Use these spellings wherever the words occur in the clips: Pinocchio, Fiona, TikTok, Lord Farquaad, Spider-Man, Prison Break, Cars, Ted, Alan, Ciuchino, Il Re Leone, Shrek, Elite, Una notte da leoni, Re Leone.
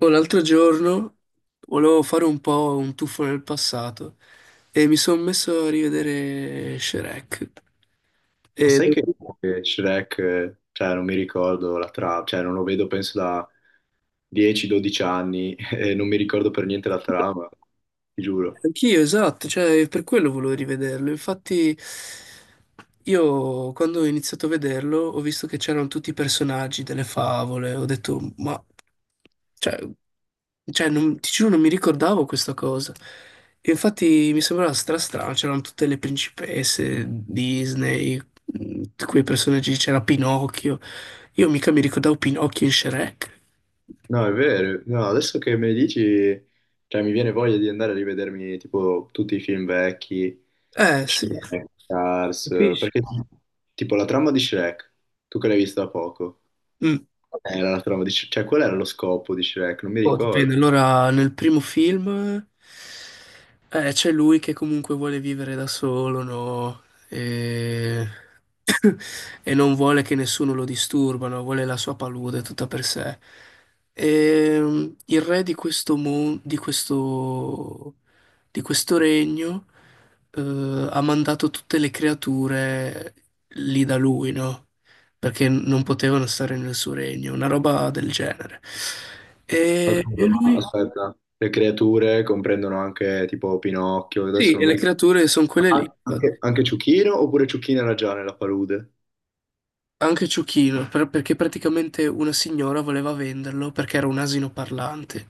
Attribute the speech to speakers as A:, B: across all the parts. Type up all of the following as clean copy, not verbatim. A: Oh, l'altro giorno volevo fare un po' un tuffo nel passato e mi sono messo a rivedere Shrek. E
B: Ma sai che
A: devo-
B: Shrek, cioè non mi ricordo la trama, cioè non lo vedo penso da 10-12 anni e non mi ricordo per niente la trama, ti giuro.
A: Anch'io, esatto, cioè per quello volevo rivederlo. Infatti io quando ho iniziato a vederlo ho visto che c'erano tutti i personaggi delle favole, ho detto ma cioè, cioè, non, ti giuro non mi ricordavo questa cosa. E infatti mi sembrava strano, c'erano tutte le principesse Disney, quei personaggi, c'era Pinocchio. Io mica mi ricordavo Pinocchio in Shrek.
B: No, è vero, no, adesso che me ne dici, cioè mi viene voglia di andare a rivedermi tipo tutti i film vecchi,
A: Eh sì,
B: Shrek, Cars,
A: capisci?
B: perché tipo la trama di Shrek, tu che l'hai vista da poco,
A: Mm.
B: qual era la trama di Shrek, cioè qual era lo scopo di Shrek, non mi
A: Oh,
B: ricordo.
A: dipende. Allora, nel primo film c'è lui che comunque vuole vivere da solo, no? E e non vuole che nessuno lo disturbano, vuole la sua palude tutta per sé. E il re di questo, di questo regno ha mandato tutte le creature lì da lui, no? Perché non potevano stare nel suo regno, una roba del genere.
B: Ma
A: E
B: scusa, ma
A: lui,
B: aspetta, le creature comprendono anche tipo Pinocchio,
A: sì,
B: adesso
A: e
B: non mi
A: le
B: ricordo.
A: creature sono quelle lì.
B: Anche Ciuchino oppure Ciuchino era già nella palude?
A: Anche Ciuchino, perché praticamente una signora voleva venderlo perché era un asino parlante.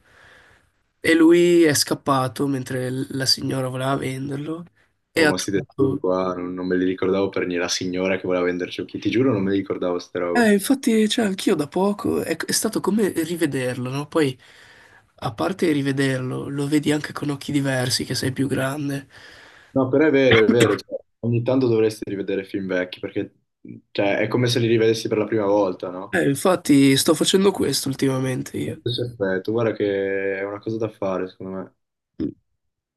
A: E lui è scappato mentre la signora voleva venderlo e
B: Oh,
A: ha
B: ma sti dettagli
A: trovato...
B: qua, non me li ricordavo per niente, la signora che voleva vendere Ciuchino, ti giuro non me li ricordavo queste robe.
A: Infatti, cioè, anch'io da poco è stato come rivederlo, no? Poi, a parte rivederlo, lo vedi anche con occhi diversi, che sei più grande.
B: No, però è vero, cioè, ogni tanto dovresti rivedere film vecchi, perché cioè, è come se li rivedessi per la prima volta, no?
A: Infatti, sto facendo questo ultimamente
B: Lo
A: io.
B: stesso effetto, guarda che è una cosa da fare, secondo me.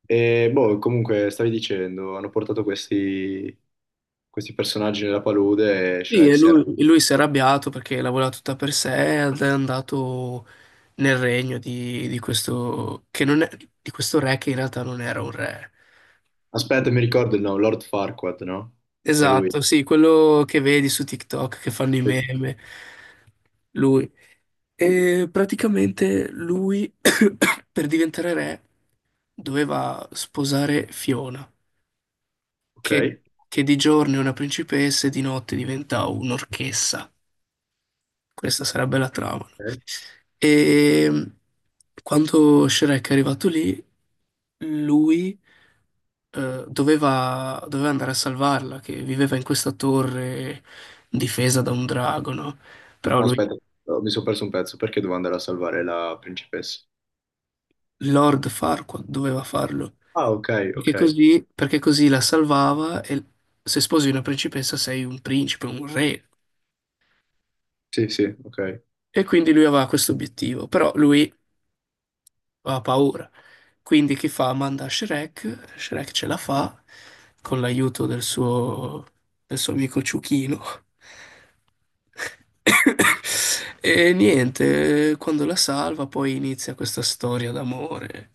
B: E boh, comunque stavi dicendo, hanno portato questi, questi personaggi nella palude e
A: Sì,
B: Shrek si era.
A: e lui si è arrabbiato perché la voleva tutta per sé ed è andato nel regno di questo, che non è, di questo re che in realtà non era un re.
B: Aspetta, mi ricordo il nome, Lord Farquaad, no? Era lui.
A: Esatto, sì, quello che vedi su TikTok che fanno i
B: Sì, sì.
A: meme, lui. E praticamente lui, per diventare re, doveva sposare Fiona,
B: Ok.
A: che, che di giorno è una principessa e di notte diventa un'orchessa. Questa sarebbe la trama.
B: Ok.
A: E quando Shrek è arrivato lì, lui doveva andare a salvarla, che viveva in questa torre difesa da un drago, no? Però
B: No,
A: lui,
B: aspetta, oh, mi sono perso un pezzo perché dovevo andare a salvare la principessa.
A: Lord Farquaad, doveva farlo.
B: Ah, ok, ok.
A: Perché così la salvava e se sposi una principessa sei un principe, un re.
B: Sì, sì, ok.
A: E quindi lui aveva questo obiettivo. Però lui ha paura. Quindi chi fa? Manda Shrek, Shrek ce la fa con l'aiuto del suo amico Ciuchino. E niente, quando la salva poi inizia questa storia d'amore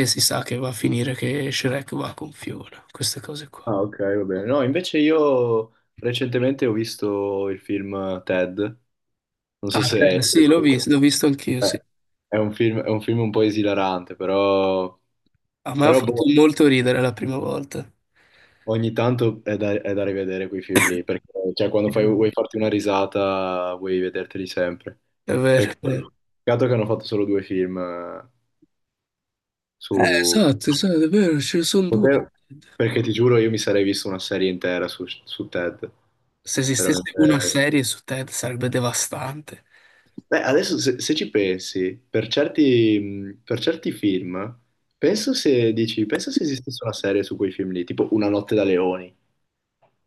A: e si sa che va a finire che Shrek va con Fiona, queste cose qua.
B: Ah, ok, va bene. No, invece io recentemente ho visto il film Ted, non so
A: Ah,
B: se...
A: te,
B: Eh,
A: sì, l'ho visto anch'io, sì.
B: È un film un po' esilarante, però.
A: A me ha
B: Però
A: fatto
B: boh,
A: molto ridere la prima volta.
B: ogni tanto è da, rivedere quei film lì, perché cioè, quando
A: Sì.
B: vuoi farti una risata vuoi vederteli sempre.
A: È vero, è vero.
B: Peccato, peccato che hanno fatto solo due film su.
A: Esatto, è vero, ce ne sono due.
B: Potev- Perché ti giuro io mi sarei visto una serie intera su, Ted.
A: Se esistesse
B: Veramente.
A: una serie su Ted sarebbe devastante.
B: Beh, adesso se ci pensi, per certi film, penso se esistesse una serie su quei film lì, tipo Una notte da leoni.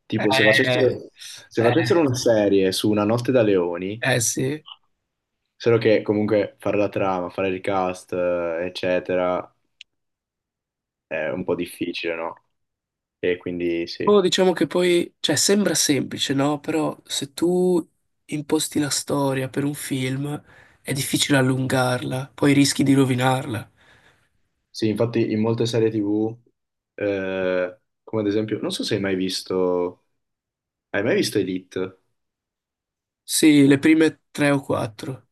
B: Tipo, se facessero,
A: Eh,
B: se facessero
A: eh,
B: una serie su Una notte da leoni,
A: Eh sì.
B: solo che comunque fare la trama, fare il cast, eccetera, è un po' difficile, no? E quindi sì.
A: Oh, diciamo che poi, cioè, sembra semplice, no? Però se tu imposti la storia per un film è difficile allungarla, poi rischi di rovinarla.
B: Sì, infatti in molte serie TV, eh, come ad esempio, non so se hai mai visto, hai mai visto Elite?
A: Sì, le prime tre o quattro.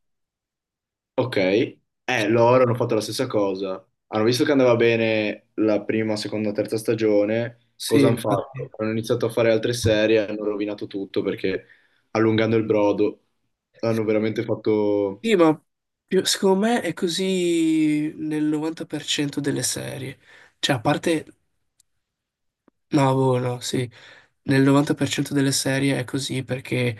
B: Ok, loro hanno fatto la stessa cosa. Hanno visto che andava bene la prima, seconda, terza stagione.
A: Sì,
B: Cosa hanno
A: infatti.
B: fatto? Hanno iniziato a fare altre serie, hanno rovinato tutto perché allungando il brodo hanno veramente fatto.
A: Sì, ma più- secondo me è così nel 90% delle serie. Cioè, a parte no, boh, no, sì. Nel 90% delle serie è così perché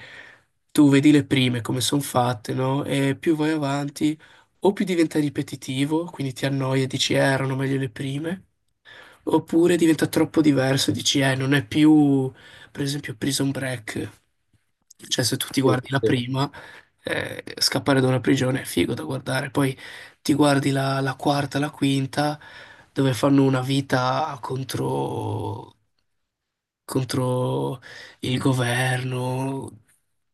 A: tu vedi le prime come sono fatte, no? E più vai avanti, o più diventa ripetitivo, quindi ti annoia e dici, erano meglio le prime, oppure diventa troppo diverso, dici, non è più, per esempio, Prison Break. Cioè, se tu ti
B: Sì,
A: guardi la
B: sì.
A: prima, scappare da una prigione è figo da guardare. Poi ti guardi la quarta, la quinta, dove fanno una vita contro, contro il governo.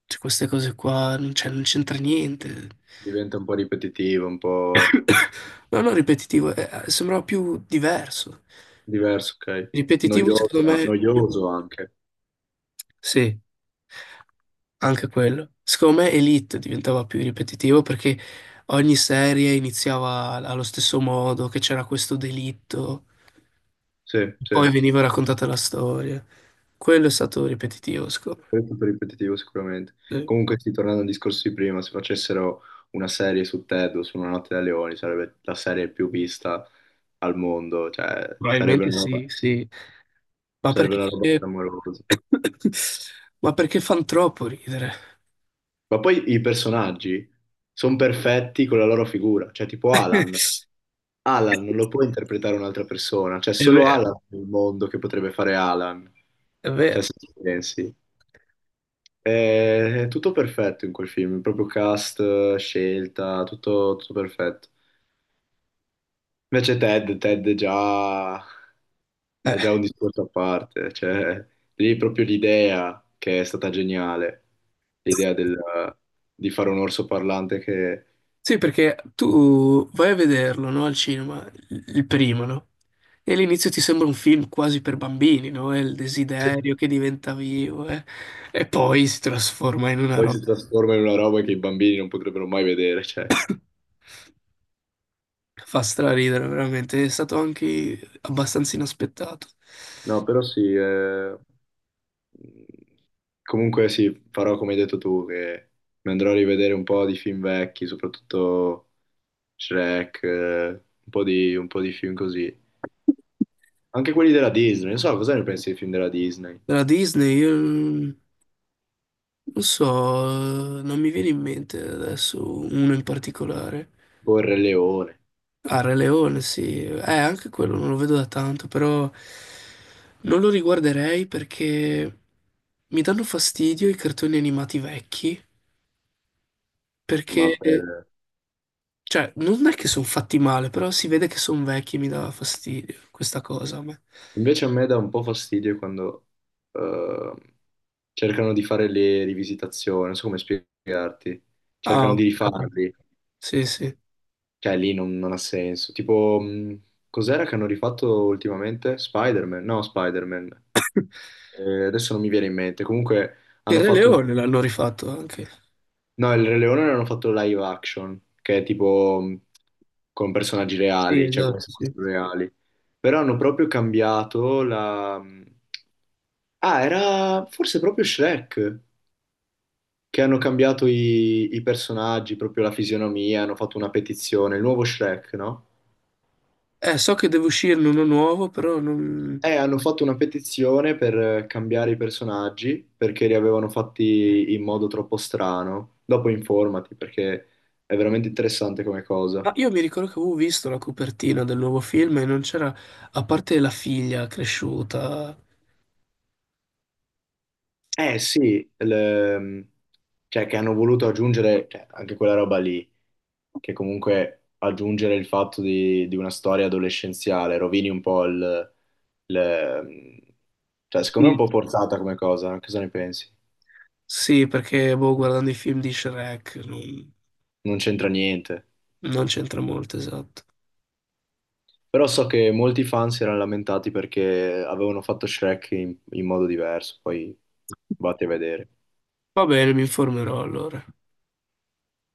A: Cioè, queste cose qua, non c'entra niente.
B: Diventa un po' ripetitivo, un po'
A: No, no, ripetitivo, sembrava più diverso.
B: diverso, ok?
A: Ripetitivo, secondo
B: Noioso,
A: me,
B: noioso anche.
A: sì, anche quello. Secondo me Elite diventava più ripetitivo perché ogni serie iniziava allo stesso modo, che c'era questo delitto,
B: Sì, sì.
A: poi veniva raccontata la storia. Quello è stato ripetitivo, secondo
B: È tutto ripetitivo sicuramente.
A: me. Sì.
B: Comunque, sì, tornando al discorso di prima, se facessero una serie su Ted o su Una notte da leoni, sarebbe la serie più vista al mondo, cioè
A: Probabilmente sì, sì. Ma
B: sarebbe una roba
A: perché...
B: clamorosa.
A: Ma perché fan troppo ridere?
B: Ma poi i personaggi sono perfetti con la loro figura, cioè tipo Alan. Alan non lo può interpretare un'altra persona, cioè
A: È
B: solo
A: vero,
B: Alan nel mondo che potrebbe fare Alan,
A: è
B: cioè
A: vero.
B: se ci pensi. È, è tutto perfetto in quel film, proprio cast, scelta, tutto, tutto perfetto. Invece Ted è già,
A: Eh.
B: è già un discorso a parte, cioè lì proprio l'idea che è stata geniale, l'idea del- di fare un orso parlante che.
A: Sì, perché tu vai a vederlo, no, al cinema, il primo, no? E all'inizio ti sembra un film quasi per bambini, no? È il desiderio
B: Sì.
A: che diventa vivo, eh. E poi si trasforma in una
B: Poi si
A: roba
B: trasforma in una roba che i bambini non potrebbero mai vedere, cioè.
A: che fa straridere, veramente. È stato anche abbastanza inaspettato.
B: No, però sì. Comunque sì, farò come hai detto tu, che mi andrò a rivedere un po' di film vecchi, soprattutto Shrek, un po' di film così. Anche quelli della Disney, non so cosa ne pensi dei film della Disney,
A: Della Disney, io non so, non mi viene in mente adesso uno in particolare.
B: tipo Il Re Leone,
A: Ah, Re Leone, sì. Anche quello non lo vedo da tanto, però non lo riguarderei perché mi danno fastidio i cartoni animati vecchi,
B: ma
A: perché,
B: per...
A: cioè, non è che sono fatti male, però si vede che sono vecchi e mi dà fastidio questa cosa a me.
B: Invece a me dà un po' fastidio quando eh, cercano di fare le rivisitazioni, non so come spiegarti,
A: Ah,
B: cercano di
A: ho capito.
B: rifarli.
A: Sì, sì. Il
B: Cioè, lì non ha senso. Tipo, cos'era che hanno rifatto ultimamente? Spider-Man? No, Spider-Man. Adesso non mi viene in mente. Comunque, hanno
A: Re
B: fatto un.
A: Leone l'hanno rifatto anche.
B: No, il Re Leone l'hanno fatto live action, che è tipo con personaggi
A: Sì,
B: reali, cioè come
A: esatto,
B: se
A: sì.
B: fossero reali. Però hanno proprio cambiato la. Ah, era forse proprio Shrek, che hanno cambiato i personaggi, proprio la fisionomia, hanno fatto una petizione, il nuovo Shrek, no?
A: So che deve uscirne uno nuovo, però non...
B: Hanno fatto una petizione per cambiare i personaggi perché li avevano fatti in modo troppo strano. Dopo informati perché è veramente interessante come
A: Ma
B: cosa.
A: io mi ricordo che avevo visto la copertina del nuovo film e non c'era, a parte la figlia cresciuta.
B: Eh sì, cioè che hanno voluto aggiungere cioè, anche quella roba lì, che comunque aggiungere il fatto di una storia adolescenziale rovini un po' il- cioè secondo me è
A: Sì.
B: un po' forzata come cosa. Cosa ne pensi?
A: Sì, perché boh, guardando i film di Shrek non,
B: Non c'entra niente.
A: non c'entra molto, esatto.
B: Però so che molti fan si erano lamentati perché avevano fatto Shrek in modo diverso, poi vate a vedere.
A: Va bene, mi informerò allora.